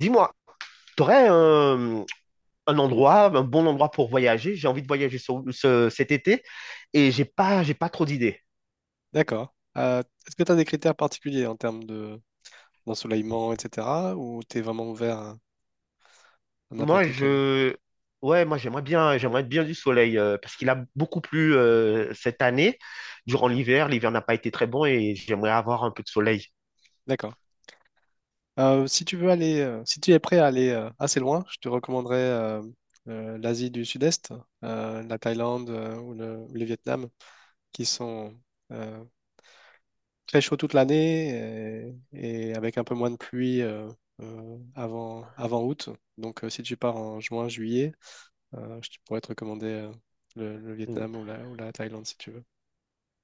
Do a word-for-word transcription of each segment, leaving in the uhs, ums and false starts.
Dis-moi, t'aurais un, un endroit, un bon endroit pour voyager? J'ai envie de voyager ce- ce- cet été et j'ai pas, j'ai pas trop d'idées. D'accord. Euh, est-ce que tu as des critères particuliers en termes de d'ensoleillement, et cetera, ou t'es vraiment ouvert à, à Moi, n'importe quel? je, ouais, moi j'aimerais bien, j'aimerais bien du soleil euh, parce qu'il a beaucoup plu euh, cette année durant l'hiver. L'hiver n'a pas été très bon et j'aimerais avoir un peu de soleil. D'accord. Euh, si tu veux aller, euh, si tu es prêt à aller euh, assez loin, je te recommanderais euh, euh, l'Asie du Sud-Est, euh, la Thaïlande euh, ou le, ou le Vietnam, qui sont euh, très chauds toute l'année et, et avec un peu moins de pluie euh, euh, avant, avant août. Donc, euh, si tu pars en juin, juillet, euh, je pourrais te recommander euh, le, le Mm. Vietnam ou la, ou la Thaïlande si tu veux.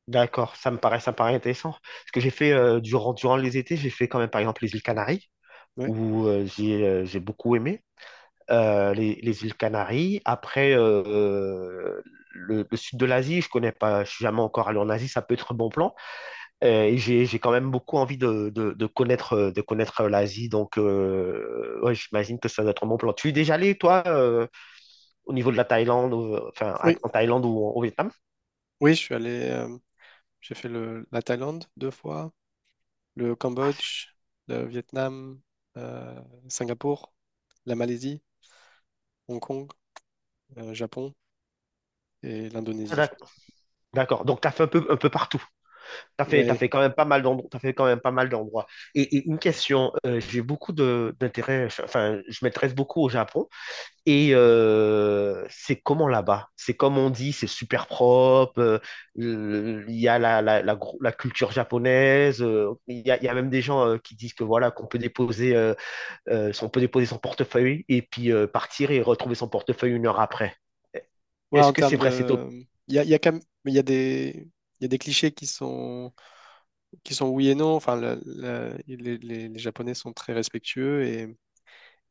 D'accord, ça me paraît, ça me paraît intéressant. Ce que j'ai fait euh, durant, durant les étés, j'ai fait quand même par exemple les îles Canaries, Oui, où euh, j'ai euh, j'ai beaucoup aimé euh, les, les îles Canaries. Après, euh, euh, le, le sud de l'Asie, je connais pas, je suis jamais encore allé en Asie, ça peut être un bon plan. Euh, et j'ai j'ai quand même beaucoup envie de, de, de connaître, euh, de connaître euh, l'Asie, donc euh, ouais, j'imagine que ça doit être un bon plan. Tu es déjà allé, toi, euh, au niveau de la Thaïlande, euh, enfin à- oui, en Thaïlande ou au Vietnam? oui, je suis allé, euh, j'ai fait le, la Thaïlande deux fois, le Ah, c'est- Cambodge, le Vietnam, euh, Singapour, la Malaisie, Hong Kong, euh, Japon et ah, l'Indonésie. d'ac- d'accord, donc tu as fait un peu, un peu partout. T'as fait, t'as Ouais, fait quand même pas mal d'endroits, t'as fait quand même pas mal d'endroits. Et, et une question, euh, j'ai beaucoup de d'intérêt, enfin, je m'intéresse beaucoup au Japon. Et euh, c'est comment là-bas? C'est comme on dit, c'est super propre. euh, euh, Il y a la, la, la, gro- la culture japonaise. euh, il y a, il y a même des gens euh, qui disent que voilà, qu'on peut déposer, euh, euh, si on peut déposer son portefeuille et puis euh, partir et retrouver son portefeuille une heure après. ouais, Est-ce en que c'est termes vrai cette de, il y a, il y a quand même- mais il y a des, il y a des clichés qui sont, qui sont oui et non. Enfin, le- le- les, les- les Japonais sont très respectueux et,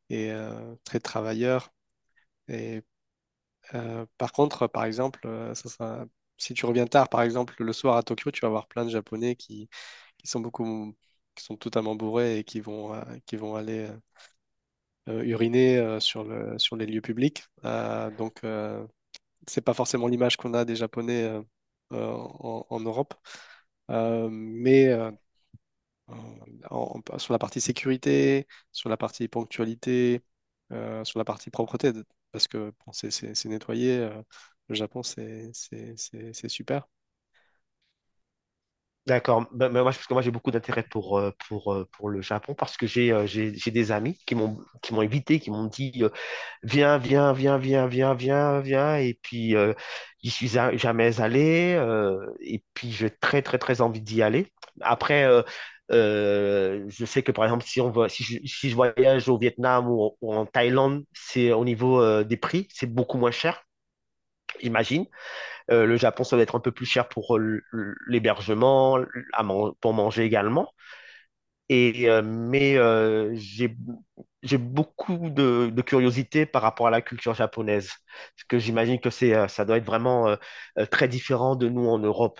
et, euh, très travailleurs. Et Euh, par contre, euh, par exemple, euh, ça sera- si tu reviens tard, par exemple, le soir à Tokyo, tu vas avoir plein de Japonais qui, qui sont beaucoup, qui sont totalement bourrés et qui vont, euh, qui vont aller euh, euh, uriner euh, sur le, sur les lieux publics. Euh, donc, euh, c'est pas forcément l'image qu'on a des Japonais euh, euh, en, en Europe. Euh, mais euh, euh, en- en- sur la partie sécurité, sur la partie ponctualité, euh, sur la partie propreté, de- parce que bon, c'est c'est- c'est nettoyé, euh, le Japon, c'est c'est- c'est- c'est super. D'accord. Ben, ben, moi, je- parce que moi, j'ai beaucoup d'intérêt pour, euh, pour, euh, pour le Japon parce que j'ai euh, j'ai j'ai des amis qui m'ont qui m'ont invité, qui m'ont dit euh, viens, viens, viens, viens, viens, viens, viens. Et puis, euh, j'y suis a- jamais allé. euh, et puis, j'ai très, très, très envie d'y aller. Après, euh, euh, je sais que, par exemple, si, on va, si, je, si je voyage au Vietnam ou, en ou en Thaïlande, c'est au niveau euh, des prix, c'est beaucoup moins cher, j'imagine. Euh, le Japon, ça va être un peu plus cher pour euh, l'hébergement, à man- pour manger également. Et, euh, mais euh, j'ai j'ai beaucoup de, de curiosité par rapport à la culture japonaise, parce que j'imagine que c'est euh, ça doit être vraiment euh, euh, très différent de nous en Europe,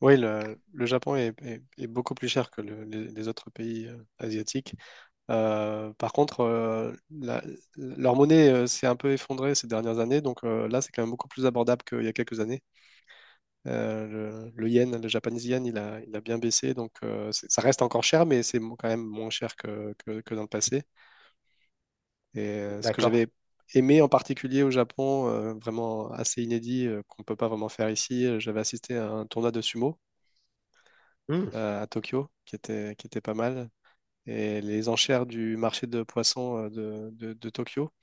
Oui, le, le Japon est, est- est beaucoup plus cher que le- les, les autres pays euh, asiatiques. Euh, par contre, euh, la- leur monnaie euh, s'est un peu effondrée ces dernières années, donc euh, là, c'est quand même beaucoup plus abordable qu'il y a quelques années. Euh, le, le yen, le japonais yen, il a, il a bien baissé, donc euh, c'est- ça reste encore cher, mais c'est mo- quand même moins cher que, que, que dans le passé. Et euh, ce que d'accord? j'avais aimé en particulier au Japon, euh, vraiment assez inédit, euh, qu'on ne peut pas vraiment faire ici, euh, j'avais assisté à un tournoi de sumo Hmm, euh, à Tokyo, qui était, qui était pas mal, et les enchères du marché de poissons euh, de, de, de Tokyo,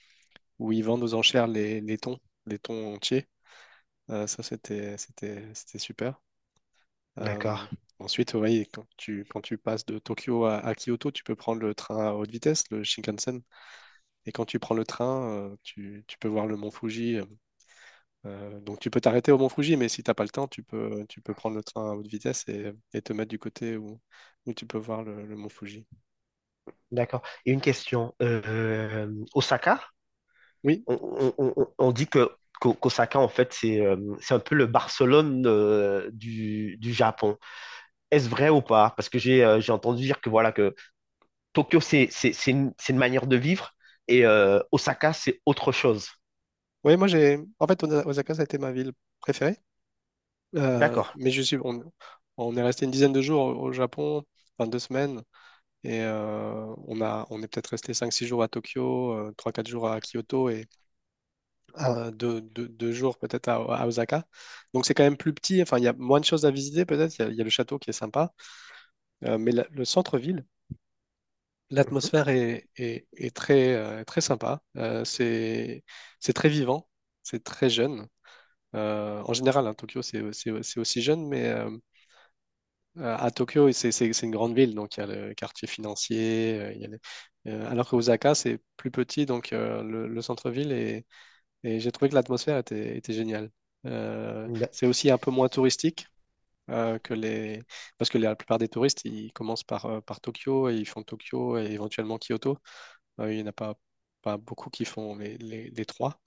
où ils vendent aux enchères les, les thons, les thons entiers. Euh, ça, c'était, c'était, c'était super. d'accord, Euh, Ensuite, oui, quand tu, quand tu passes de Tokyo à, à Kyoto, tu peux prendre le train à haute vitesse, le Shinkansen. Et quand tu prends le train, euh, tu, tu peux voir le mont Fuji. Euh, donc tu peux t'arrêter au mont Fuji, mais si t'as pas le temps, tu peux, tu peux prendre le train à haute vitesse et, et te mettre du côté où, où tu peux voir le, le mont Fuji. d'accord. Et une question, euh, Osaka, Oui, on, on- on- on dit que qu'O- qu'Osaka en fait c'est euh, c'est un peu le Barcelone euh, du du Japon. Est-ce vrai ou pas? Parce que j'ai euh, j'ai entendu dire que voilà que Tokyo c'est c'est c'est une, c'est une manière de vivre et euh, Osaka c'est autre chose. oui, moi j'ai. En fait, Osa- Osaka, ça a été ma ville préférée. Euh, D'accord. mais je suis. On, on est resté une dizaine de jours au au Japon, enfin deux semaines. Et euh, on a, on est peut-être resté cinq six jours à Tokyo, euh, trois quatre jours à Kyoto et euh, deux 2, jours peut-être à, à Osaka. Donc c'est quand même plus petit, enfin il y a moins de choses à visiter peut-être, il y, a il y a le château qui est sympa. Euh, mais la- le centre-ville, Mhm. l'atmosphère est, est- est très, euh, très sympa. Euh, c'est, c'est très vivant, c'est très jeune. Euh, en général, hein, Tokyo c'est, c'est- c'est aussi jeune, mais euh, Euh, à Tokyo, c'est c'est- c'est une grande ville, donc il y a le quartier financier. Euh, il y a les- euh, Alors que Osaka, c'est plus petit, donc euh, le, le centre-ville, est- et j'ai trouvé que l'atmosphère était, était géniale. Euh, c'est D'ac- aussi un peu moins touristique euh, que les... parce que la plupart des touristes, ils commencent par, euh, par Tokyo et ils font Tokyo et éventuellement Kyoto. Euh, il n'y en a pas, pas beaucoup qui font les, les- les trois,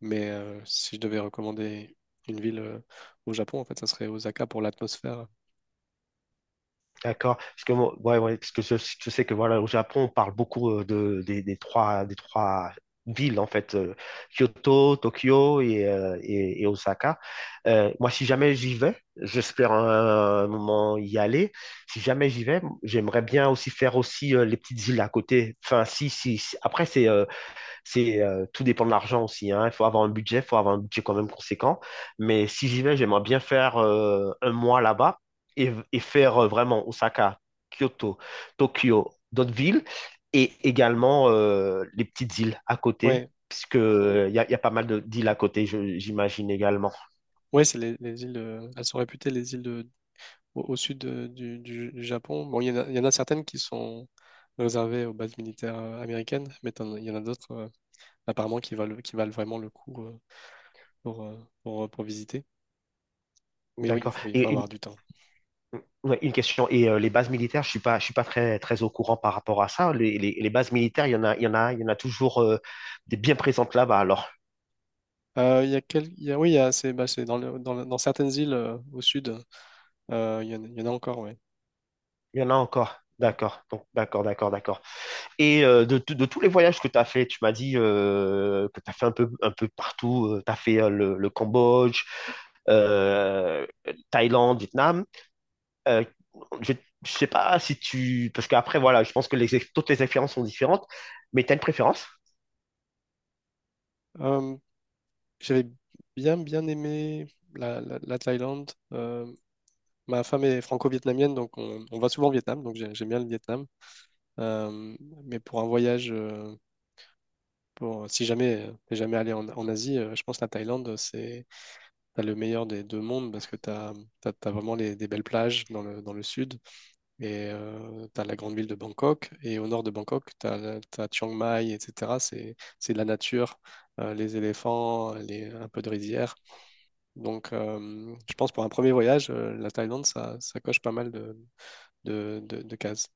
mais euh, si je devais recommander une ville euh, au Japon, en fait, ça serait Osaka pour l'atmosphère. D'accord. Parce que moi- ouais, ouais, parce que je, je sais que voilà au Japon on parle beaucoup euh, de des, des trois des trois villes en fait euh, Kyoto, Tokyo et, euh, et, et Osaka. Euh, moi si jamais j'y vais, j'espère un, moment y aller. Si jamais j'y vais, j'aimerais bien aussi faire aussi euh, les petites îles à côté. Enfin si si, si- après c'est euh, C'est euh, tout dépend de l'argent aussi, hein. Il faut avoir un budget, il faut avoir un budget quand même conséquent. Mais si j'y vais, j'aimerais bien faire euh, un mois là-bas et, et faire euh, vraiment Osaka, Kyoto, Tokyo, d'autres villes et également euh, les petites îles à côté, Ouais, puisque euh, il y a, y a pas mal de- d'îles à côté, je- j'imagine également. oui, c'est les, les îles, euh, elles sont réputées les îles de- au, au sud de- du, du- du Japon. Bon, il y en a, il y en a certaines qui sont réservées aux bases militaires euh, américaines, mais t'en- il y en a d'autres euh, apparemment qui valent, qui valent vraiment le coup euh, pour, euh, pour, euh, pour visiter. Mais oui, il D'accord. faut, il faut Et une, avoir du temps. ouais, une question. Et euh, les bases militaires, je suis pas, je suis pas très, très au courant par rapport à ça. Les, les- les bases militaires, il y en a, il y en a, il y en a toujours euh, des bien présentes là-bas. Alors. Euh, il y a quel- il y a- oui, il y a- c'est bah, c'est dans, le- dans, le- dans certaines îles euh, au sud, euh, il y en, a il y en a encore, ouais. Il y en a encore. Mm. D'accord, donc d'accord, d'accord, d'accord. Et euh, de, de- de tous les voyages que tu as fait, tu m'as dit euh, que tu as fait un peu, un peu partout. Tu as fait euh, le, le Cambodge, euh, Thaïlande, Vietnam. Euh, je ne sais pas si tu... Parce qu'après, voilà, je pense que les, ex- toutes les expériences sont différentes, mais tu as une préférence? Euh, J'avais bien, bien aimé la, la- la Thaïlande. euh, Ma femme est franco-vietnamienne, donc on, on va souvent au Vietnam, donc j'ai- j'aime bien le Vietnam. Euh, mais pour un voyage, euh, pour, si jamais euh, t'es jamais allé en, en Asie, euh, je pense que la Thaïlande, c'est, t'as le meilleur des deux mondes parce que t'as, t'as, t'as vraiment les, des belles plages dans le, dans le sud et euh, t'as la grande ville de Bangkok et au nord de Bangkok, t'as, la- t'as Chiang Mai, et cetera. C'est, c'est de la nature, euh, les éléphants, les, un peu de rizière. Donc euh, je pense pour un premier voyage, euh, la Thaïlande, ça, ça coche pas mal de de, de, de cases.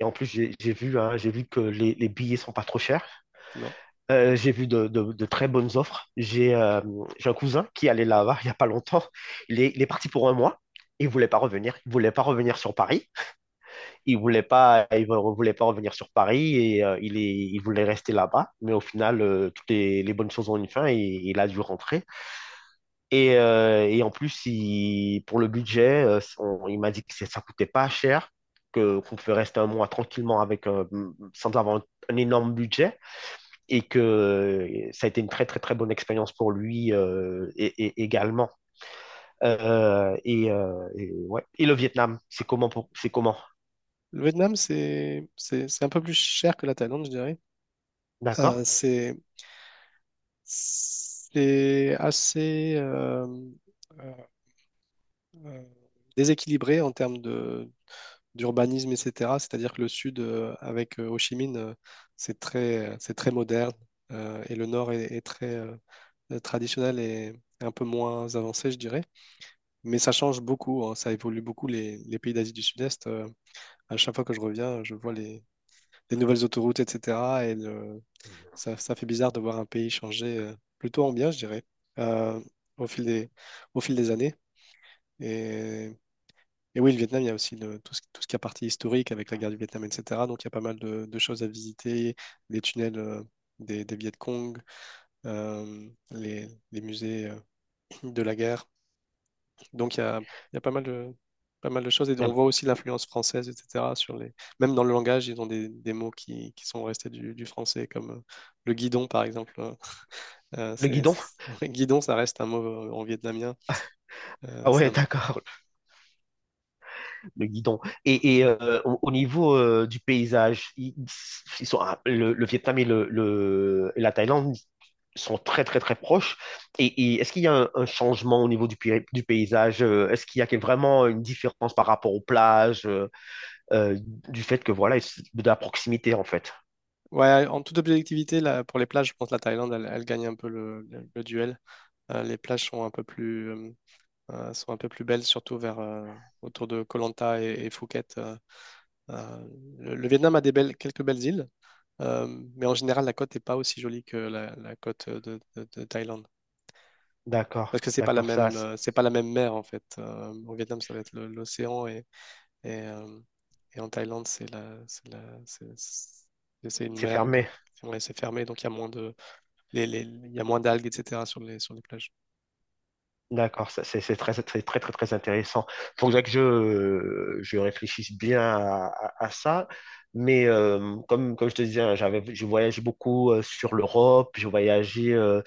Et en plus, j'ai j'ai vu, hein, j'ai vu que les, les billets sont pas trop chers. Non. Euh, j'ai vu de, de- de très bonnes offres. J'ai euh, j'ai un cousin qui allait là-bas il y a pas longtemps. Il est, il est parti pour un mois. Il voulait pas revenir. Il voulait pas revenir sur Paris. Il voulait pas, il re- voulait pas revenir sur Paris et euh, il est, il voulait rester là-bas. Mais au final, euh, toutes les, les bonnes choses ont une fin et il a dû rentrer. Et, euh, et en plus, il- pour le budget, euh, on- il m'a dit que ça ça coûtait pas cher, que qu'on pouvait rester un mois tranquillement avec euh, sans avoir un énorme budget, et que euh, ça a été une très très très bonne expérience pour lui euh, et, et- également. Euh, et, euh, et ouais. Et le Vietnam, c'est comment pour- c'est comment? Le Vietnam, c'est, c'est, c'est un peu plus cher que la Thaïlande, je dirais. Euh, D'accord. c'est, c'est assez euh, euh, euh, déséquilibré en termes de, d'urbanisme, et cetera. C'est-à-dire que le sud, euh, avec euh, Ho Chi Minh, euh, c'est très, c'est très moderne euh, et le nord est, est très euh, euh, traditionnel et un peu moins avancé, je dirais. Mais ça change beaucoup, hein, ça évolue beaucoup les, les pays d'Asie du Sud-Est. Euh, à chaque fois que je reviens, je vois les, des nouvelles autoroutes, et cetera. Et le- ça, ça fait bizarre de voir un pays changer euh, plutôt en bien, je dirais, euh, au fil des, au fil des années. Et, et oui, le Vietnam, il y a aussi le- tout ce, tout ce qui est partie historique avec la guerre du Vietnam, et cetera. Donc il y a pas mal de, de choses à visiter, les tunnels euh, des, des Viet Cong, euh, les, les musées euh, de la guerre. Donc il y a, il y a pas mal de, pas mal de choses. Et on voit aussi l'influence française, et cetera. Sur les... Même dans le langage, ils ont des, des mots qui, qui sont restés du, du français, comme euh, le guidon, par exemple, hein. Euh, Le c'est, guidon? c'est- Guidon, ça reste un mot euh, en vietnamien. Euh, Ah C'est ouais, un peu- d'accord. Le guidon. Et, et, euh, au, au niveau euh, du paysage, ils, ils sont, ah, le, le Vietnam et le, le- et la Thaïlande sont très, très, très proches. Et, et est-ce qu'il y a un, un changement au niveau du, pi- du paysage? euh, Est-ce qu'il y a que- vraiment une différence par rapport aux plages, euh, euh, du fait que, voilà, de la proximité, en fait? Ouais, en toute objectivité, là, pour les plages, je pense que la Thaïlande, elle, elle, gagne un peu le, le- le duel. Euh, les plages sont un peu plus, euh, euh, sont un peu plus belles, surtout vers, euh, autour de Koh Lanta et, et Phuket. euh. Euh, le, le Vietnam a des belles, quelques belles îles. Euh, mais en général, la côte n'est pas aussi jolie que la, la côte de, de- de Thaïlande. Parce D'accord, que c'est pas la d'accord, ça, même, euh, c'est pas la même mer en fait. Euh, au Vietnam, ça va être le- l'océan et, et, euh, et en Thaïlande, c'est la, c'est la, c'est c'est- c'est une c'est mer fermé. de, ouais, c'est fermé, donc il y a moins de, les, les- il y a moins d'algues, et cetera sur les, sur les plages. D'accord, ça, c'est c'est très, très, très, très, très intéressant. Il faudrait que je, je réfléchisse bien à, à- à ça. Mais euh, comme, comme je te disais, hein, j'avais, je voyageais beaucoup euh, sur l'Europe, je voyageais euh,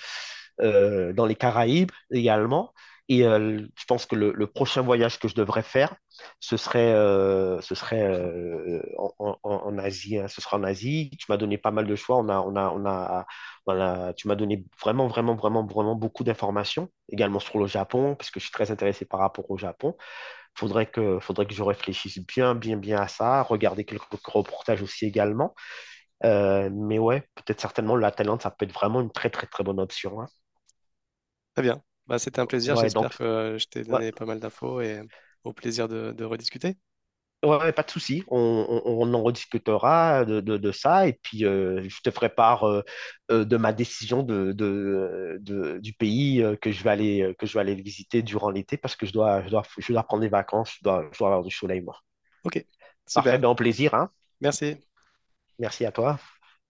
euh, dans les Caraïbes également. Et euh, je pense que le, le prochain voyage que je devrais faire, ce serait, euh, ce serait euh, en, en- en Asie. Hein. Ce sera en Asie. Tu m'as donné pas mal de choix. On a, on a, on a voilà, tu m'as donné vraiment, vraiment, vraiment, vraiment beaucoup d'informations, également sur le Japon, parce que je suis très intéressé par rapport au Japon. Faudrait que, faudrait que je réfléchisse bien, bien, bien à ça, regarder quelques reportages aussi également. Euh, mais ouais, peut-être certainement la Thaïlande, ça peut être vraiment une très, très, très bonne option. Hein. Très bien. Bah, c'était un plaisir. Ouais, donc, J'espère que je t'ai ouais, donné pas mal d'infos et au plaisir de, de rediscuter. ouais, ouais, pas de souci. On, on- on en rediscutera de, de- de ça et puis euh, je te ferai part euh, euh, de ma décision de, de- de- du pays euh, que je vais aller euh, que je vais aller visiter durant l'été parce que je dois je dois je dois prendre des vacances, je dois, je dois avoir du soleil moi. Ok, Parfait, super. ben au plaisir, hein. Merci. Merci à toi.